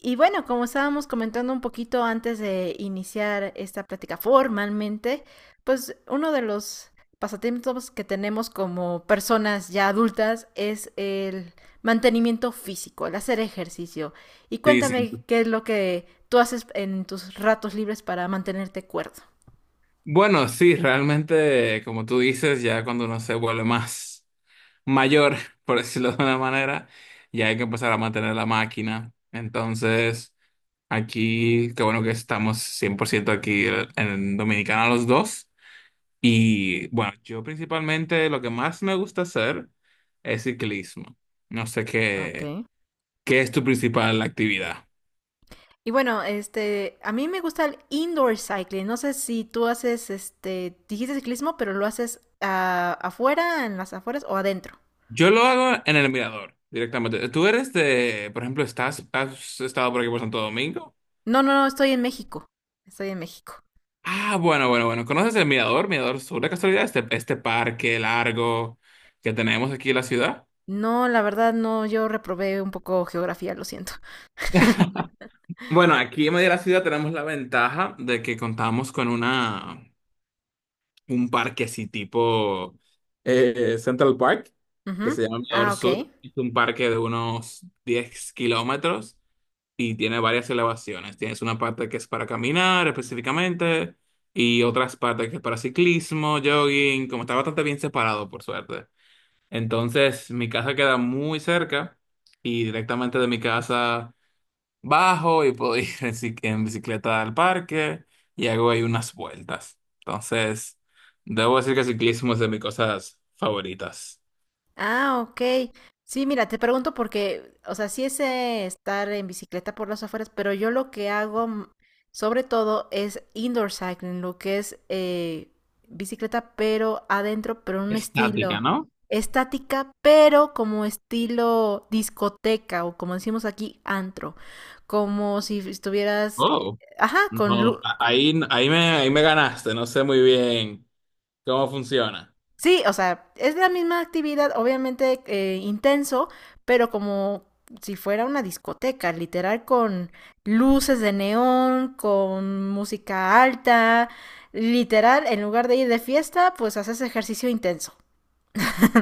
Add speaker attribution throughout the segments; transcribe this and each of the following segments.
Speaker 1: Y bueno, como estábamos comentando un poquito antes de iniciar esta plática formalmente, pues uno de los pasatiempos que tenemos como personas ya adultas es el mantenimiento físico, el hacer ejercicio. Y
Speaker 2: Sí, sí.
Speaker 1: cuéntame qué es lo que tú haces en tus ratos libres para mantenerte cuerdo.
Speaker 2: Bueno, sí, realmente, como tú dices, ya cuando uno se vuelve más mayor, por decirlo de una manera, ya hay que empezar a mantener la máquina. Entonces, aquí, qué bueno que estamos 100% aquí en Dominicana los dos. Y bueno, yo principalmente lo que más me gusta hacer es ciclismo. No sé
Speaker 1: Ok.
Speaker 2: qué es tu principal actividad.
Speaker 1: Y bueno, a mí me gusta el indoor cycling. No sé si tú haces, dijiste ciclismo, pero lo haces afuera, en las afueras o adentro.
Speaker 2: Yo lo hago en el mirador directamente. Tú eres de, por ejemplo, has estado por aquí por Santo Domingo.
Speaker 1: No, no, no, estoy en México. Estoy en México.
Speaker 2: Ah, bueno, bueno, bueno. ¿Conoces el mirador? Mirador Sur, de casualidad, este parque largo que tenemos aquí en la ciudad.
Speaker 1: No, la verdad no, yo reprobé un poco geografía, lo siento.
Speaker 2: Bueno, aquí en medio de la ciudad tenemos la ventaja de que contamos con un parque así tipo Central Park,
Speaker 1: Ujú.
Speaker 2: que se llama
Speaker 1: Ah,
Speaker 2: Mirador
Speaker 1: ok.
Speaker 2: Sur. Es un parque de unos 10 kilómetros y tiene varias elevaciones. Tienes una parte que es para caminar específicamente y otras partes que es para ciclismo, jogging, como está bastante bien separado por suerte. Entonces mi casa queda muy cerca y directamente de mi casa bajo y puedo ir en bicicleta al parque y hago ahí unas vueltas. Entonces, debo decir que el ciclismo es de mis cosas favoritas.
Speaker 1: Ah, ok. Sí, mira, te pregunto porque, o sea, sí es estar en bicicleta por las afueras, pero yo lo que hago sobre todo es indoor cycling, lo que es bicicleta pero adentro, pero en un estilo
Speaker 2: Estática, ¿no?
Speaker 1: estática, pero como estilo discoteca o como decimos aquí, antro, como si estuvieras,
Speaker 2: Oh,
Speaker 1: ajá, con
Speaker 2: no,
Speaker 1: luz.
Speaker 2: ahí me ganaste, no sé muy bien. ¿Cómo funciona?
Speaker 1: Sí, o sea, es la misma actividad, obviamente intenso, pero como si fuera una discoteca, literal con luces de neón, con música alta, literal, en lugar de ir de fiesta, pues haces ejercicio intenso.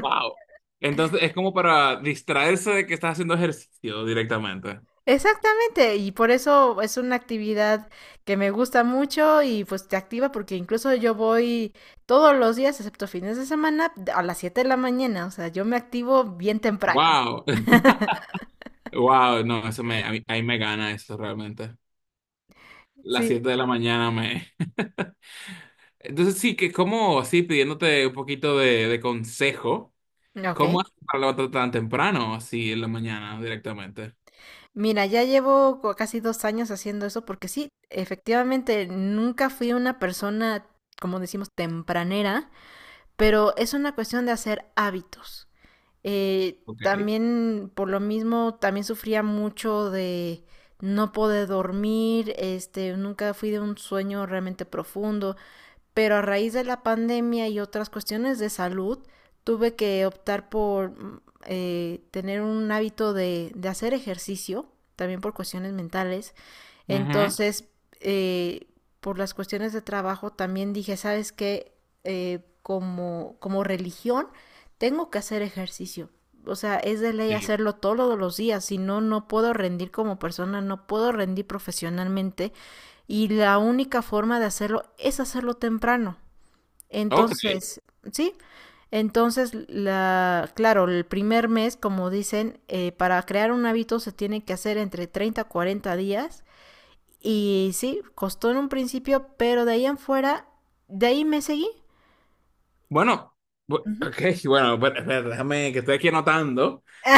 Speaker 2: Wow. Entonces es como para distraerse de que estás haciendo ejercicio directamente.
Speaker 1: Exactamente, y por eso es una actividad que me gusta mucho y pues te activa porque incluso yo voy todos los días, excepto fines de semana, a las 7 de la mañana, o sea, yo me activo bien temprano.
Speaker 2: Wow. Wow, no, a mí, ahí me gana eso realmente. Las
Speaker 1: Sí,
Speaker 2: 7 de la mañana me... Entonces sí, que como así pidiéndote un poquito de consejo,
Speaker 1: ok.
Speaker 2: ¿cómo haces para levantarte tan temprano así en la mañana directamente?
Speaker 1: Mira, ya llevo casi 2 años haciendo eso porque sí, efectivamente, nunca fui una persona, como decimos, tempranera, pero es una cuestión de hacer hábitos.
Speaker 2: Ok.
Speaker 1: También, por lo mismo, también sufría mucho de no poder dormir, nunca fui de un sueño realmente profundo pero a raíz de la pandemia y otras cuestiones de salud, tuve que optar por tener un hábito de hacer ejercicio, también por cuestiones mentales,
Speaker 2: Ujú.
Speaker 1: entonces, eh, por las cuestiones de trabajo, también dije, ¿sabes qué? Como religión, tengo que hacer ejercicio. O sea, es de ley
Speaker 2: Sí.
Speaker 1: hacerlo todos los días, si no, no puedo rendir como persona, no puedo rendir profesionalmente y la única forma de hacerlo es hacerlo temprano.
Speaker 2: Ok.
Speaker 1: Entonces, ¿sí? Entonces, claro, el primer mes, como dicen, para crear un hábito se tiene que hacer entre 30 a 40 días y sí, costó en un principio, pero de ahí en fuera, de ahí me seguí.
Speaker 2: Bueno,
Speaker 1: Ujú.
Speaker 2: ok, bueno, espera, espera, déjame que estoy aquí anotando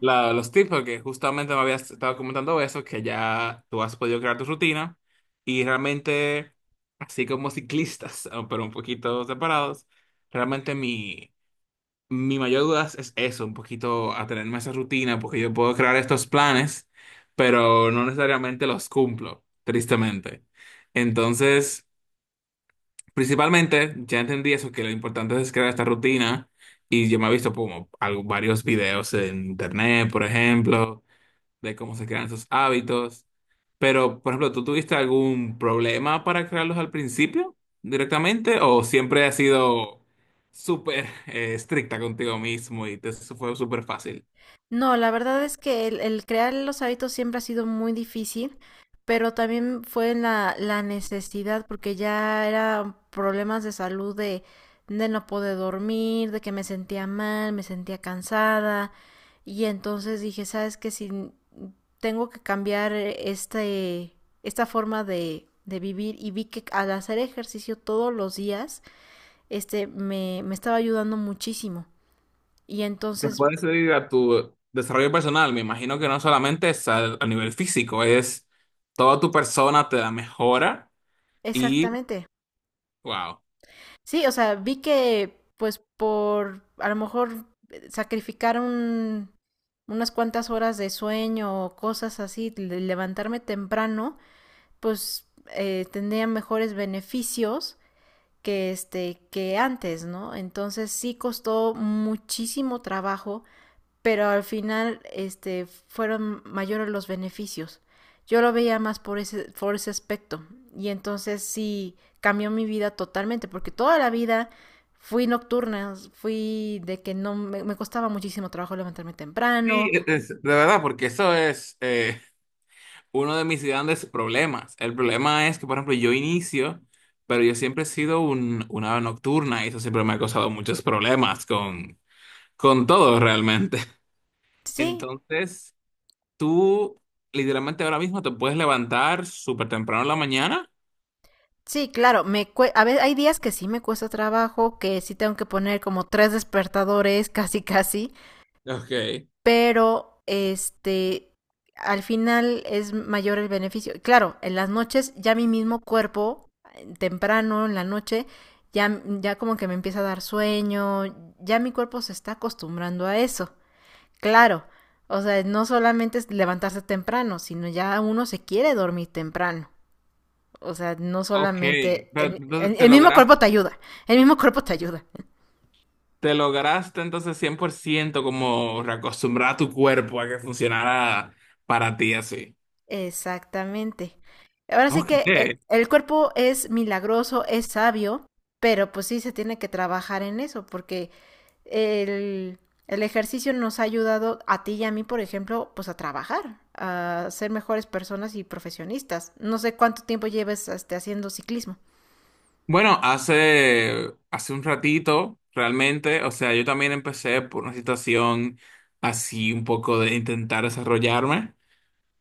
Speaker 2: los tips, porque justamente me habías estado comentando eso, que ya tú has podido crear tu rutina y realmente, así como ciclistas, pero un poquito separados, realmente mi mayor duda es eso, un poquito atenerme a esa rutina, porque yo puedo crear estos planes, pero no necesariamente los cumplo, tristemente. Entonces, principalmente, ya entendí eso, que lo importante es crear esta rutina. Y yo me he visto como varios videos en internet, por ejemplo, de cómo se crean esos hábitos. Pero, por ejemplo, ¿tú tuviste algún problema para crearlos al principio directamente o siempre has sido súper estricta contigo mismo y te eso fue súper fácil?
Speaker 1: No, la verdad es que el crear los hábitos siempre ha sido muy difícil, pero también fue la necesidad, porque ya eran problemas de salud de no poder dormir, de que me sentía mal, me sentía cansada, y entonces dije, ¿sabes qué? Si tengo que cambiar esta forma de vivir, y vi que al hacer ejercicio todos los días, me estaba ayudando muchísimo. Y
Speaker 2: Te
Speaker 1: entonces,
Speaker 2: puedes ir a tu desarrollo personal, me imagino que no solamente es a nivel físico, es toda tu persona te da mejora y
Speaker 1: exactamente.
Speaker 2: wow.
Speaker 1: Sí, o sea, vi que pues por a lo mejor sacrificar unas cuantas horas de sueño o cosas así, levantarme temprano, pues tendría mejores beneficios que antes, ¿no? Entonces sí costó muchísimo trabajo pero al final fueron mayores los beneficios. Yo lo veía más por ese aspecto y entonces sí cambió mi vida totalmente porque toda la vida fui nocturna, fui de que no me costaba muchísimo trabajo levantarme
Speaker 2: Sí,
Speaker 1: temprano.
Speaker 2: de verdad, porque eso es, uno de mis grandes problemas. El problema es que, por ejemplo, yo inicio, pero yo siempre he sido una ave nocturna y eso siempre me ha causado muchos problemas con todo realmente.
Speaker 1: Sí,
Speaker 2: Entonces, tú literalmente ahora mismo te puedes levantar súper temprano en la mañana.
Speaker 1: sí, claro, a veces hay días que sí me cuesta trabajo, que sí tengo que poner como tres despertadores, casi casi,
Speaker 2: Ok.
Speaker 1: pero al final es mayor el beneficio. Claro, en las noches ya mi mismo cuerpo, temprano, en la noche, ya como que me empieza a dar sueño, ya mi cuerpo se está acostumbrando a eso. Claro, o sea, no solamente es levantarse temprano, sino ya uno se quiere dormir temprano. O sea, no
Speaker 2: Ok,
Speaker 1: solamente
Speaker 2: pero
Speaker 1: el, el, el mismo cuerpo te ayuda, el mismo cuerpo te ayuda.
Speaker 2: te lograste entonces 100% como reacostumbrar a tu cuerpo a que funcionara para ti así.
Speaker 1: Exactamente. Ahora sí
Speaker 2: Ok.
Speaker 1: que el cuerpo es milagroso, es sabio, pero pues sí se tiene que trabajar en eso, porque el, el ejercicio nos ha ayudado a ti y a mí, por ejemplo, pues a trabajar, a ser mejores personas y profesionistas. No sé cuánto tiempo lleves haciendo ciclismo.
Speaker 2: Bueno, hace un ratito, realmente, o sea, yo también empecé por una situación así un poco de intentar desarrollarme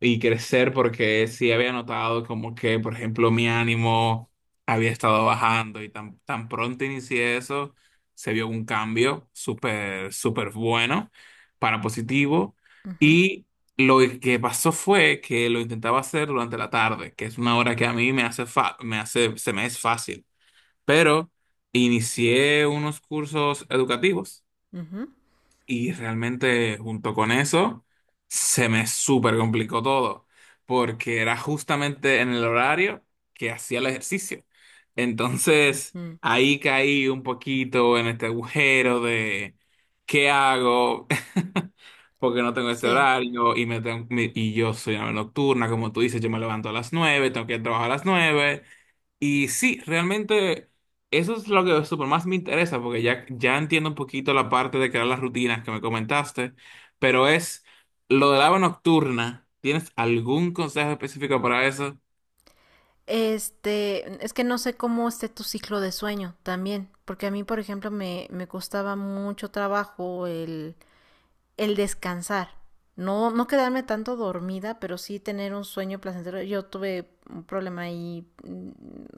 Speaker 2: y crecer porque sí había notado como que, por ejemplo, mi ánimo había estado bajando y tan pronto inicié eso, se vio un cambio súper, súper bueno para positivo
Speaker 1: Ujú,
Speaker 2: y lo que pasó fue que lo intentaba hacer durante la tarde, que es una hora que a mí me hace se me es fácil, pero inicié unos cursos educativos
Speaker 1: ujú,
Speaker 2: y realmente junto con eso se me súper complicó todo, porque era justamente en el horario que hacía el ejercicio. Entonces
Speaker 1: ujú.
Speaker 2: ahí caí un poquito en este agujero de ¿qué hago? Porque no tengo este
Speaker 1: Sí.
Speaker 2: horario y, y yo soy una nocturna, como tú dices, yo me levanto a las 9, tengo que ir a trabajar a las 9 y sí, realmente eso es lo que super más me interesa, porque ya entiendo un poquito la parte de crear las rutinas que me comentaste, pero es lo del agua nocturna. ¿Tienes algún consejo específico para eso?
Speaker 1: Es que no sé cómo esté tu ciclo de sueño también, porque a mí, por ejemplo, me costaba mucho trabajo el descansar. No, no quedarme tanto dormida, pero sí tener un sueño placentero. Yo tuve un problema ahí,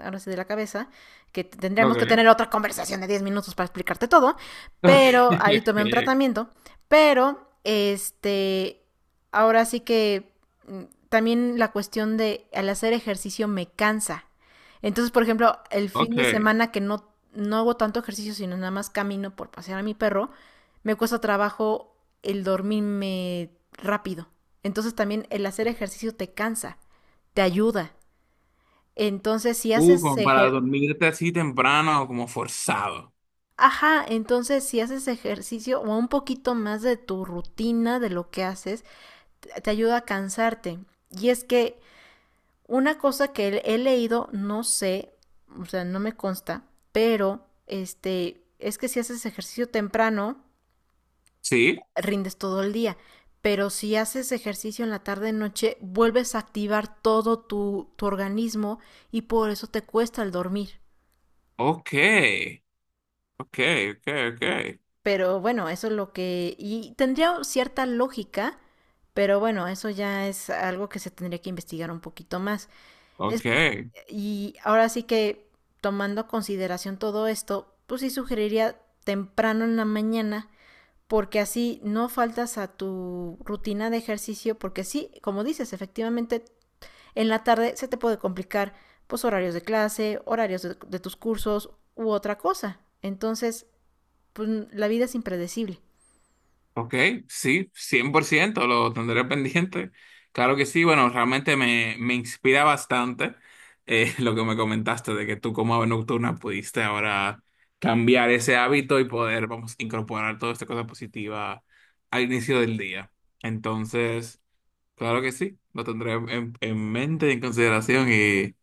Speaker 1: ahora sí, de la cabeza, que tendríamos que tener
Speaker 2: Ok,
Speaker 1: otra conversación de 10 minutos para explicarte todo, pero ahí
Speaker 2: ok,
Speaker 1: tomé un
Speaker 2: ok.
Speaker 1: tratamiento, pero ahora sí que mm, también la cuestión de al hacer ejercicio me cansa. Entonces, por ejemplo, el fin de
Speaker 2: Ok.
Speaker 1: semana que no, no hago tanto ejercicio, sino nada más camino por pasear a mi perro, me cuesta trabajo el dormirme rápido. Entonces también el hacer ejercicio te cansa, te ayuda. Entonces si haces
Speaker 2: Como para
Speaker 1: ejer-
Speaker 2: dormirte así temprano, como forzado.
Speaker 1: Ajá, entonces si haces ejercicio o un poquito más de tu rutina, de lo que haces, te ayuda a cansarte. Y es que una cosa que he leído, no sé, o sea, no me consta, pero es que si haces ejercicio temprano,
Speaker 2: ¿Sí?
Speaker 1: rindes todo el día. Pero si haces ejercicio en la tarde noche, vuelves a activar todo tu organismo y por eso te cuesta el dormir.
Speaker 2: Ok, ok, ok, ok,
Speaker 1: Pero bueno, eso es lo que. Y tendría cierta lógica, pero bueno, eso ya es algo que se tendría que investigar un poquito más. Es...
Speaker 2: ok.
Speaker 1: Y ahora sí que tomando a consideración todo esto, pues sí sugeriría temprano en la mañana porque así no faltas a tu rutina de ejercicio, porque sí, como dices, efectivamente, en la tarde se te puede complicar pues horarios de clase, horarios de tus cursos u otra cosa. Entonces, pues, la vida es impredecible.
Speaker 2: Ok, sí, 100% lo tendré pendiente. Claro que sí, bueno, realmente me inspira bastante, lo que me comentaste de que tú como ave nocturna pudiste ahora cambiar ese hábito y poder, vamos, incorporar toda esta cosa positiva al inicio del día. Entonces, claro que sí, lo tendré en mente y en consideración y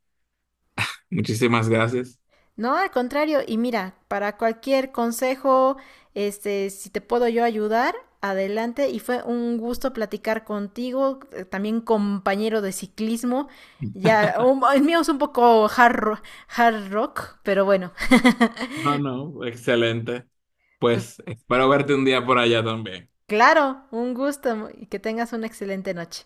Speaker 2: muchísimas gracias.
Speaker 1: No, al contrario, y mira, para cualquier consejo, si te puedo yo ayudar, adelante. Y fue un gusto platicar contigo, también compañero de ciclismo. Ya, el mío es un poco hard rock, pero bueno.
Speaker 2: No, no, excelente. Pues espero verte un día por allá también.
Speaker 1: Claro, un gusto y que tengas una excelente noche.